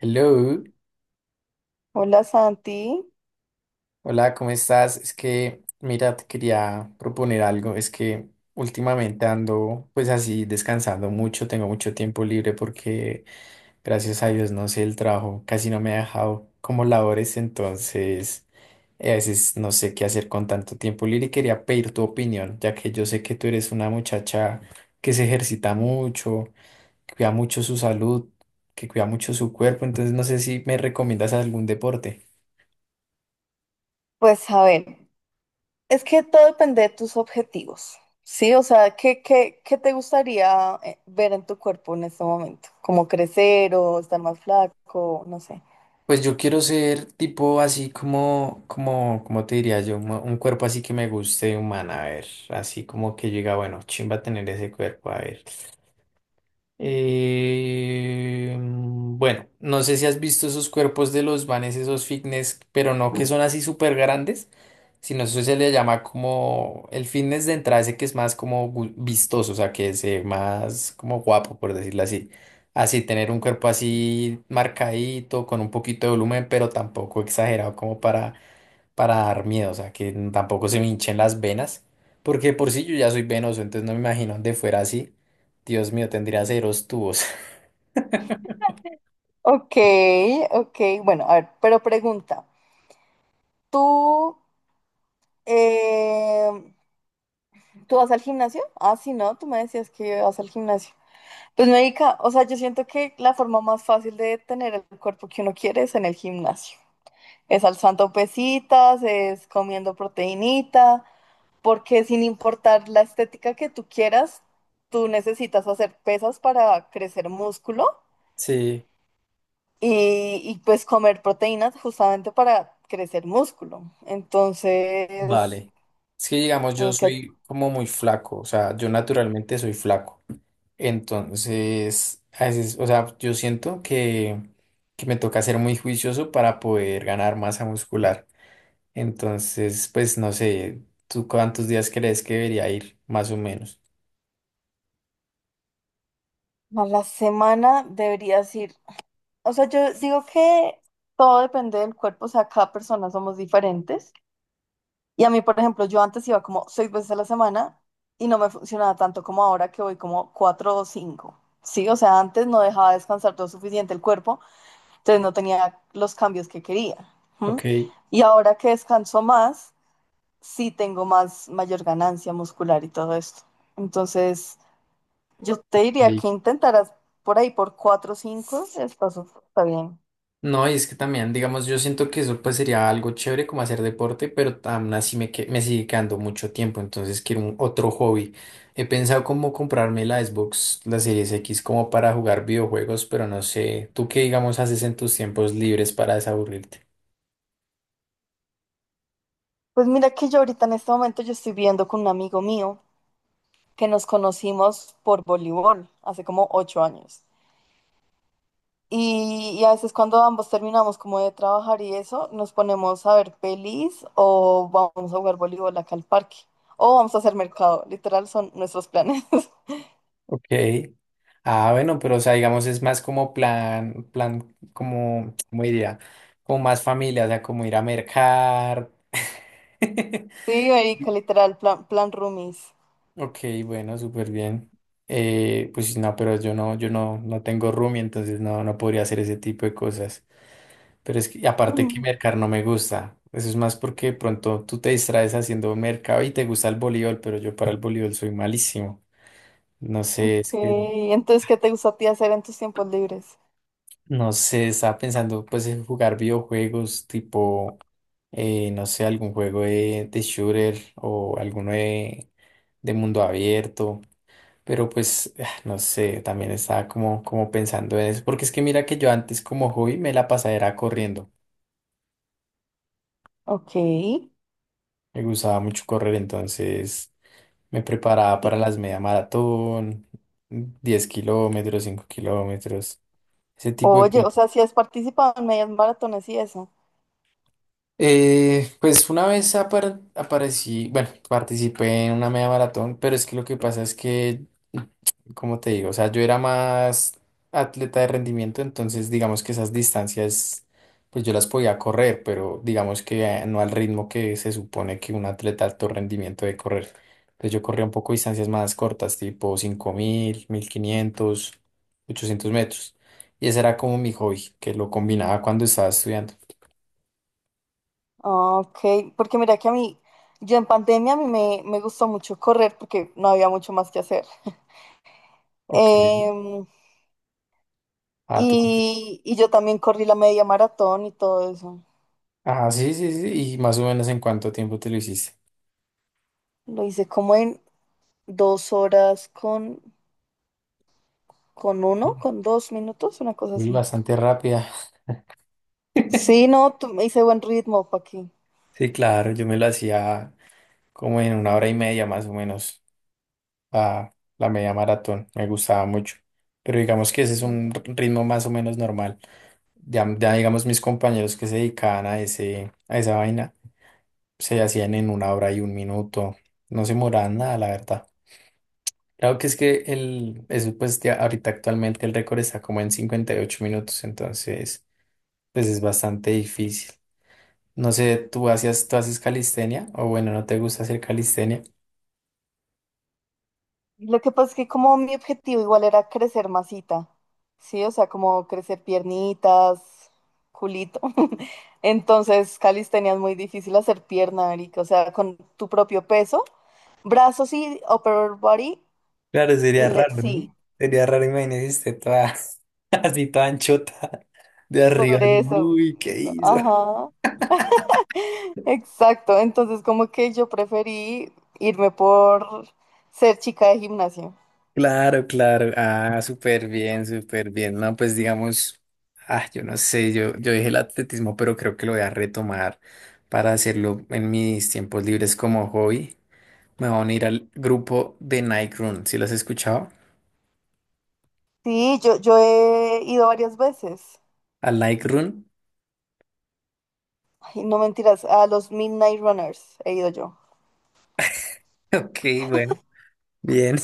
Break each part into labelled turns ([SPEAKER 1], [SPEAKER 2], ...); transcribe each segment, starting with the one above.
[SPEAKER 1] Hello,
[SPEAKER 2] Hola Santi.
[SPEAKER 1] hola, ¿cómo estás? Es que, mira, te quería proponer algo. Es que últimamente ando pues así descansando mucho, tengo mucho tiempo libre porque gracias a Dios, no sé, el trabajo casi no me ha dejado como labores, entonces a veces no sé qué hacer con tanto tiempo libre y quería pedir tu opinión, ya que yo sé que tú eres una muchacha que se ejercita mucho, que cuida mucho su salud, que cuida mucho su cuerpo, entonces no sé si me recomiendas algún deporte.
[SPEAKER 2] Pues a ver, es que todo depende de tus objetivos, ¿sí? O sea, ¿qué te gustaría ver en tu cuerpo en este momento? ¿Como crecer o estar más flaco? No sé.
[SPEAKER 1] Pues yo quiero ser tipo así como, te diría yo, un cuerpo así que me guste humana, a ver, así como que llega, bueno, chimba tener ese cuerpo, a ver. Bueno, no sé si has visto esos cuerpos de los vanes, esos fitness, pero no que son así súper grandes, sino eso se le llama como el fitness de entrada, ese que es más como vistoso, o sea, que se ve más como guapo, por decirlo así. Así, tener un cuerpo así marcadito, con un poquito de volumen, pero tampoco exagerado como para dar miedo, o sea, que tampoco se me hinchen las venas, porque de por sí yo ya soy venoso, entonces no me imagino de fuera así. Dios mío, tendría ceros tubos.
[SPEAKER 2] Ok, ok, bueno, a ver, pero pregunta, ¿tú, eh, ¿tú vas al gimnasio? Ah, sí, no, tú me decías que vas al gimnasio. Pues médica, o sea, yo siento que la forma más fácil de tener el cuerpo que uno quiere es en el gimnasio. Es alzando pesitas, es comiendo proteínita, porque sin importar la estética que tú quieras, tú necesitas hacer pesas para crecer músculo
[SPEAKER 1] Sí,
[SPEAKER 2] pues comer proteínas justamente para crecer músculo. Entonces,
[SPEAKER 1] vale. Es que digamos, yo
[SPEAKER 2] marica,
[SPEAKER 1] soy como muy flaco, o sea, yo naturalmente soy flaco. Entonces, a veces, o sea, yo siento que, me toca ser muy juicioso para poder ganar masa muscular. Entonces, pues no sé, ¿tú cuántos días crees que debería ir, más o menos?
[SPEAKER 2] a la semana deberías ir. O sea, yo digo que todo depende del cuerpo, o sea, cada persona somos diferentes. Y a mí, por ejemplo, yo antes iba como 6 veces a la semana y no me funcionaba tanto como ahora que voy como cuatro o cinco. Sí, o sea, antes no dejaba descansar lo suficiente el cuerpo, entonces no tenía los cambios que quería. ¿M?
[SPEAKER 1] Ok.
[SPEAKER 2] Y ahora que descanso más, sí tengo más, mayor ganancia muscular y todo esto. Entonces, yo te diría que intentaras por ahí por cuatro o cinco, está bien.
[SPEAKER 1] No, y es que también, digamos, yo siento que eso pues sería algo chévere como hacer deporte, pero aún así me sigue quedando mucho tiempo, entonces quiero un otro hobby. He pensado como comprarme la Xbox, la Series X, como para jugar videojuegos, pero no sé, ¿tú qué digamos haces en tus tiempos libres para desaburrirte?
[SPEAKER 2] Pues mira que yo ahorita en este momento yo estoy viendo con un amigo mío que nos conocimos por voleibol hace como 8 años. Y a veces cuando ambos terminamos como de trabajar y eso, nos ponemos a ver pelis o vamos a jugar voleibol acá al parque o vamos a hacer mercado. Literal son nuestros planes.
[SPEAKER 1] Ok. Ah, bueno, pero o sea, digamos, es más como plan, plan, como, ¿cómo diría? Como más familia, o sea, como ir a mercar.
[SPEAKER 2] Sí, Erika, literal, plan, plan roomies.
[SPEAKER 1] Ok, bueno, súper bien. Pues no, pero yo no tengo roomie, entonces no podría hacer ese tipo de cosas. Pero es que aparte que
[SPEAKER 2] Mm.
[SPEAKER 1] mercar no me gusta. Eso es más porque de pronto tú te distraes haciendo mercado y te gusta el voleibol, pero yo para el voleibol soy malísimo. No
[SPEAKER 2] Ok,
[SPEAKER 1] sé, es que
[SPEAKER 2] entonces, ¿qué te gusta a ti hacer en tus tiempos libres?
[SPEAKER 1] no sé, estaba pensando pues en jugar videojuegos tipo, no sé, algún juego de shooter o alguno de mundo abierto. Pero pues, ah, no sé, también estaba como, pensando en eso, porque es que mira que yo antes como hobby me la pasaba era corriendo,
[SPEAKER 2] Ok.
[SPEAKER 1] me gustaba mucho correr, entonces me preparaba para las media maratón, 10 kilómetros, 5 kilómetros, ese tipo de
[SPEAKER 2] Oye, o
[SPEAKER 1] cosas.
[SPEAKER 2] sea, si has participado en medias maratones y eso.
[SPEAKER 1] Pues una vez aparecí, bueno, participé en una media maratón, pero es que lo que pasa es que, como te digo, o sea, yo era más atleta de rendimiento, entonces digamos que esas distancias, pues yo las podía correr, pero digamos que no al ritmo que se supone que un atleta de alto rendimiento debe correr. Entonces yo corría un poco distancias más cortas, tipo 5.000, 1.500, 800 metros. Y ese era como mi hobby, que lo combinaba cuando estaba estudiando.
[SPEAKER 2] Ok, porque mira que a mí, yo en pandemia a mí me gustó mucho correr porque no había mucho más que hacer.
[SPEAKER 1] Ok.
[SPEAKER 2] Em,
[SPEAKER 1] Ah, tú.
[SPEAKER 2] y yo también corrí la media maratón y todo eso.
[SPEAKER 1] Ah, sí, sí, sí. ¿Y más o menos en cuánto tiempo te lo hiciste?
[SPEAKER 2] Lo hice como en 2 horas con uno,
[SPEAKER 1] Sí.
[SPEAKER 2] con 2 minutos, una cosa
[SPEAKER 1] Uy,
[SPEAKER 2] así.
[SPEAKER 1] bastante rápida.
[SPEAKER 2] Sí, no, tu me hice buen ritmo, pa' aquí.
[SPEAKER 1] Sí, claro, yo me lo hacía como en una hora y media más o menos, a la media maratón, me gustaba mucho. Pero digamos que ese es un ritmo más o menos normal. Ya, ya digamos mis compañeros que se dedicaban a esa vaina, se hacían en una hora y un minuto, no se demoraban nada, la verdad. Claro que es que el, eso pues ya ahorita actualmente el récord está como en 58 minutos, entonces... pues es bastante difícil. No sé, ¿tú hacías, tú haces calistenia? O bueno, ¿no te gusta hacer calistenia?
[SPEAKER 2] Lo que pasa es que como mi objetivo igual era crecer masita, ¿sí? O sea, como crecer piernitas, culito. Entonces, calistenia es muy difícil hacer pierna, marica. O sea, con tu propio peso, brazos y upper body,
[SPEAKER 1] Claro, sería raro, ¿no?
[SPEAKER 2] sí,
[SPEAKER 1] Sería raro, imagínate, esté toda así toda anchota de arriba.
[SPEAKER 2] por
[SPEAKER 1] ¿No?
[SPEAKER 2] eso, por
[SPEAKER 1] Uy, ¿qué
[SPEAKER 2] eso.
[SPEAKER 1] hizo?
[SPEAKER 2] Ajá, exacto. Entonces, como que yo preferí irme por ser chica de gimnasio.
[SPEAKER 1] Claro, claro. Ah, súper bien, súper bien. No, pues digamos, ah, yo no sé, yo dije el atletismo, pero creo que lo voy a retomar para hacerlo en mis tiempos libres como hobby. Me voy a unir al grupo de Nike Run. ¿Sí lo has escuchado?
[SPEAKER 2] Sí, yo he ido varias veces.
[SPEAKER 1] Al Nike Run.
[SPEAKER 2] Ay, no mentiras, a los Midnight Runners he ido yo.
[SPEAKER 1] Ok, bueno, bien.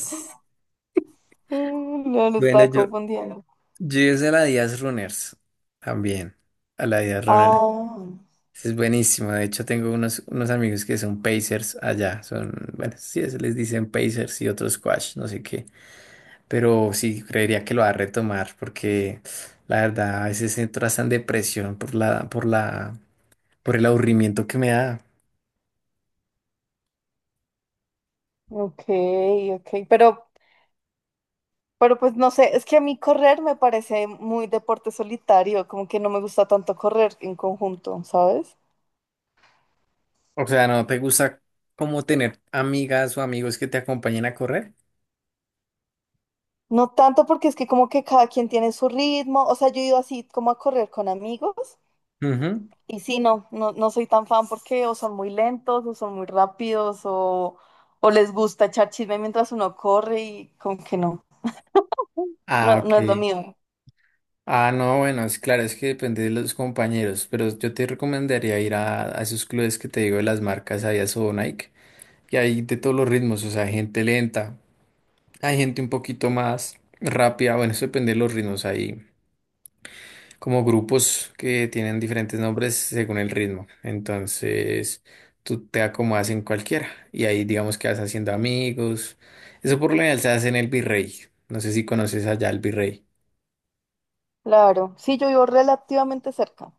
[SPEAKER 2] Mm, no lo
[SPEAKER 1] Bueno,
[SPEAKER 2] estaba
[SPEAKER 1] yo,
[SPEAKER 2] confundiendo.
[SPEAKER 1] yo hice la Díaz Runners también. A la Díaz Runners.
[SPEAKER 2] Ah,
[SPEAKER 1] Es buenísimo. De hecho, tengo unos amigos que son Pacers allá. Son, bueno, sí, se les dicen Pacers y otros Squash, no sé qué. Pero sí, creería que lo va a retomar porque la verdad a veces entro hasta en depresión por el aburrimiento que me da.
[SPEAKER 2] ok, ok. Pero pues no sé, es que a mí correr me parece muy deporte solitario, como que no me gusta tanto correr en conjunto, ¿sabes?
[SPEAKER 1] O sea, ¿no te gusta como tener amigas o amigos que te acompañen a correr?
[SPEAKER 2] No tanto porque es que como que cada quien tiene su ritmo, o sea, yo he ido así como a correr con amigos
[SPEAKER 1] Ujú.
[SPEAKER 2] y sí, no, no, no soy tan fan porque o son muy lentos o son muy rápidos o les gusta echar chisme mientras uno corre y como que no.
[SPEAKER 1] Ah,
[SPEAKER 2] No,
[SPEAKER 1] ok.
[SPEAKER 2] no es lo mío.
[SPEAKER 1] Ah, no, bueno, es claro, es que depende de los compañeros, pero yo te recomendaría ir a esos clubes que te digo de las marcas, ahí a Sobo Nike, y hay de todos los ritmos, o sea, hay gente lenta, hay gente un poquito más rápida, bueno, eso depende de los ritmos, hay como grupos que tienen diferentes nombres según el ritmo, entonces tú te acomodas en cualquiera, y ahí digamos que vas haciendo amigos, eso por lo general se hace en el Virrey, no sé si conoces allá el Virrey.
[SPEAKER 2] Claro. Sí, yo vivo relativamente cerca.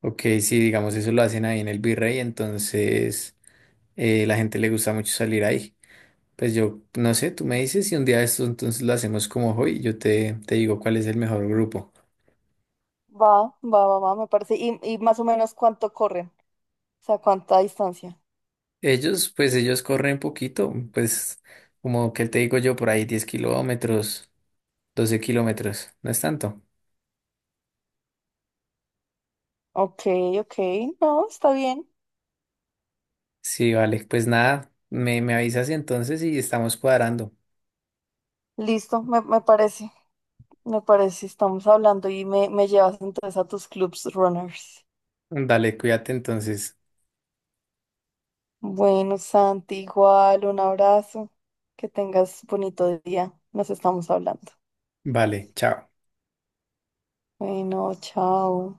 [SPEAKER 1] Ok, sí, digamos, eso lo hacen ahí en el Virrey, entonces la gente le gusta mucho salir ahí. Pues yo, no sé, tú me dices si un día esto entonces lo hacemos como hoy, yo te digo cuál es el mejor grupo.
[SPEAKER 2] Va, va, me parece. Y más o menos cuánto corren. O sea, cuánta distancia.
[SPEAKER 1] Ellos, pues ellos corren poquito, pues como que te digo yo, por ahí 10 kilómetros, 12 kilómetros, no es tanto.
[SPEAKER 2] Ok, ok. No, está bien.
[SPEAKER 1] Sí, vale, pues nada, me avisas entonces y estamos cuadrando.
[SPEAKER 2] Listo, me parece. Me parece, estamos hablando y me llevas entonces a tus clubs runners.
[SPEAKER 1] Dale, cuídate entonces.
[SPEAKER 2] Bueno, Santi, igual, un abrazo. Que tengas bonito día. Nos estamos hablando.
[SPEAKER 1] Vale, chao.
[SPEAKER 2] Bueno, chao.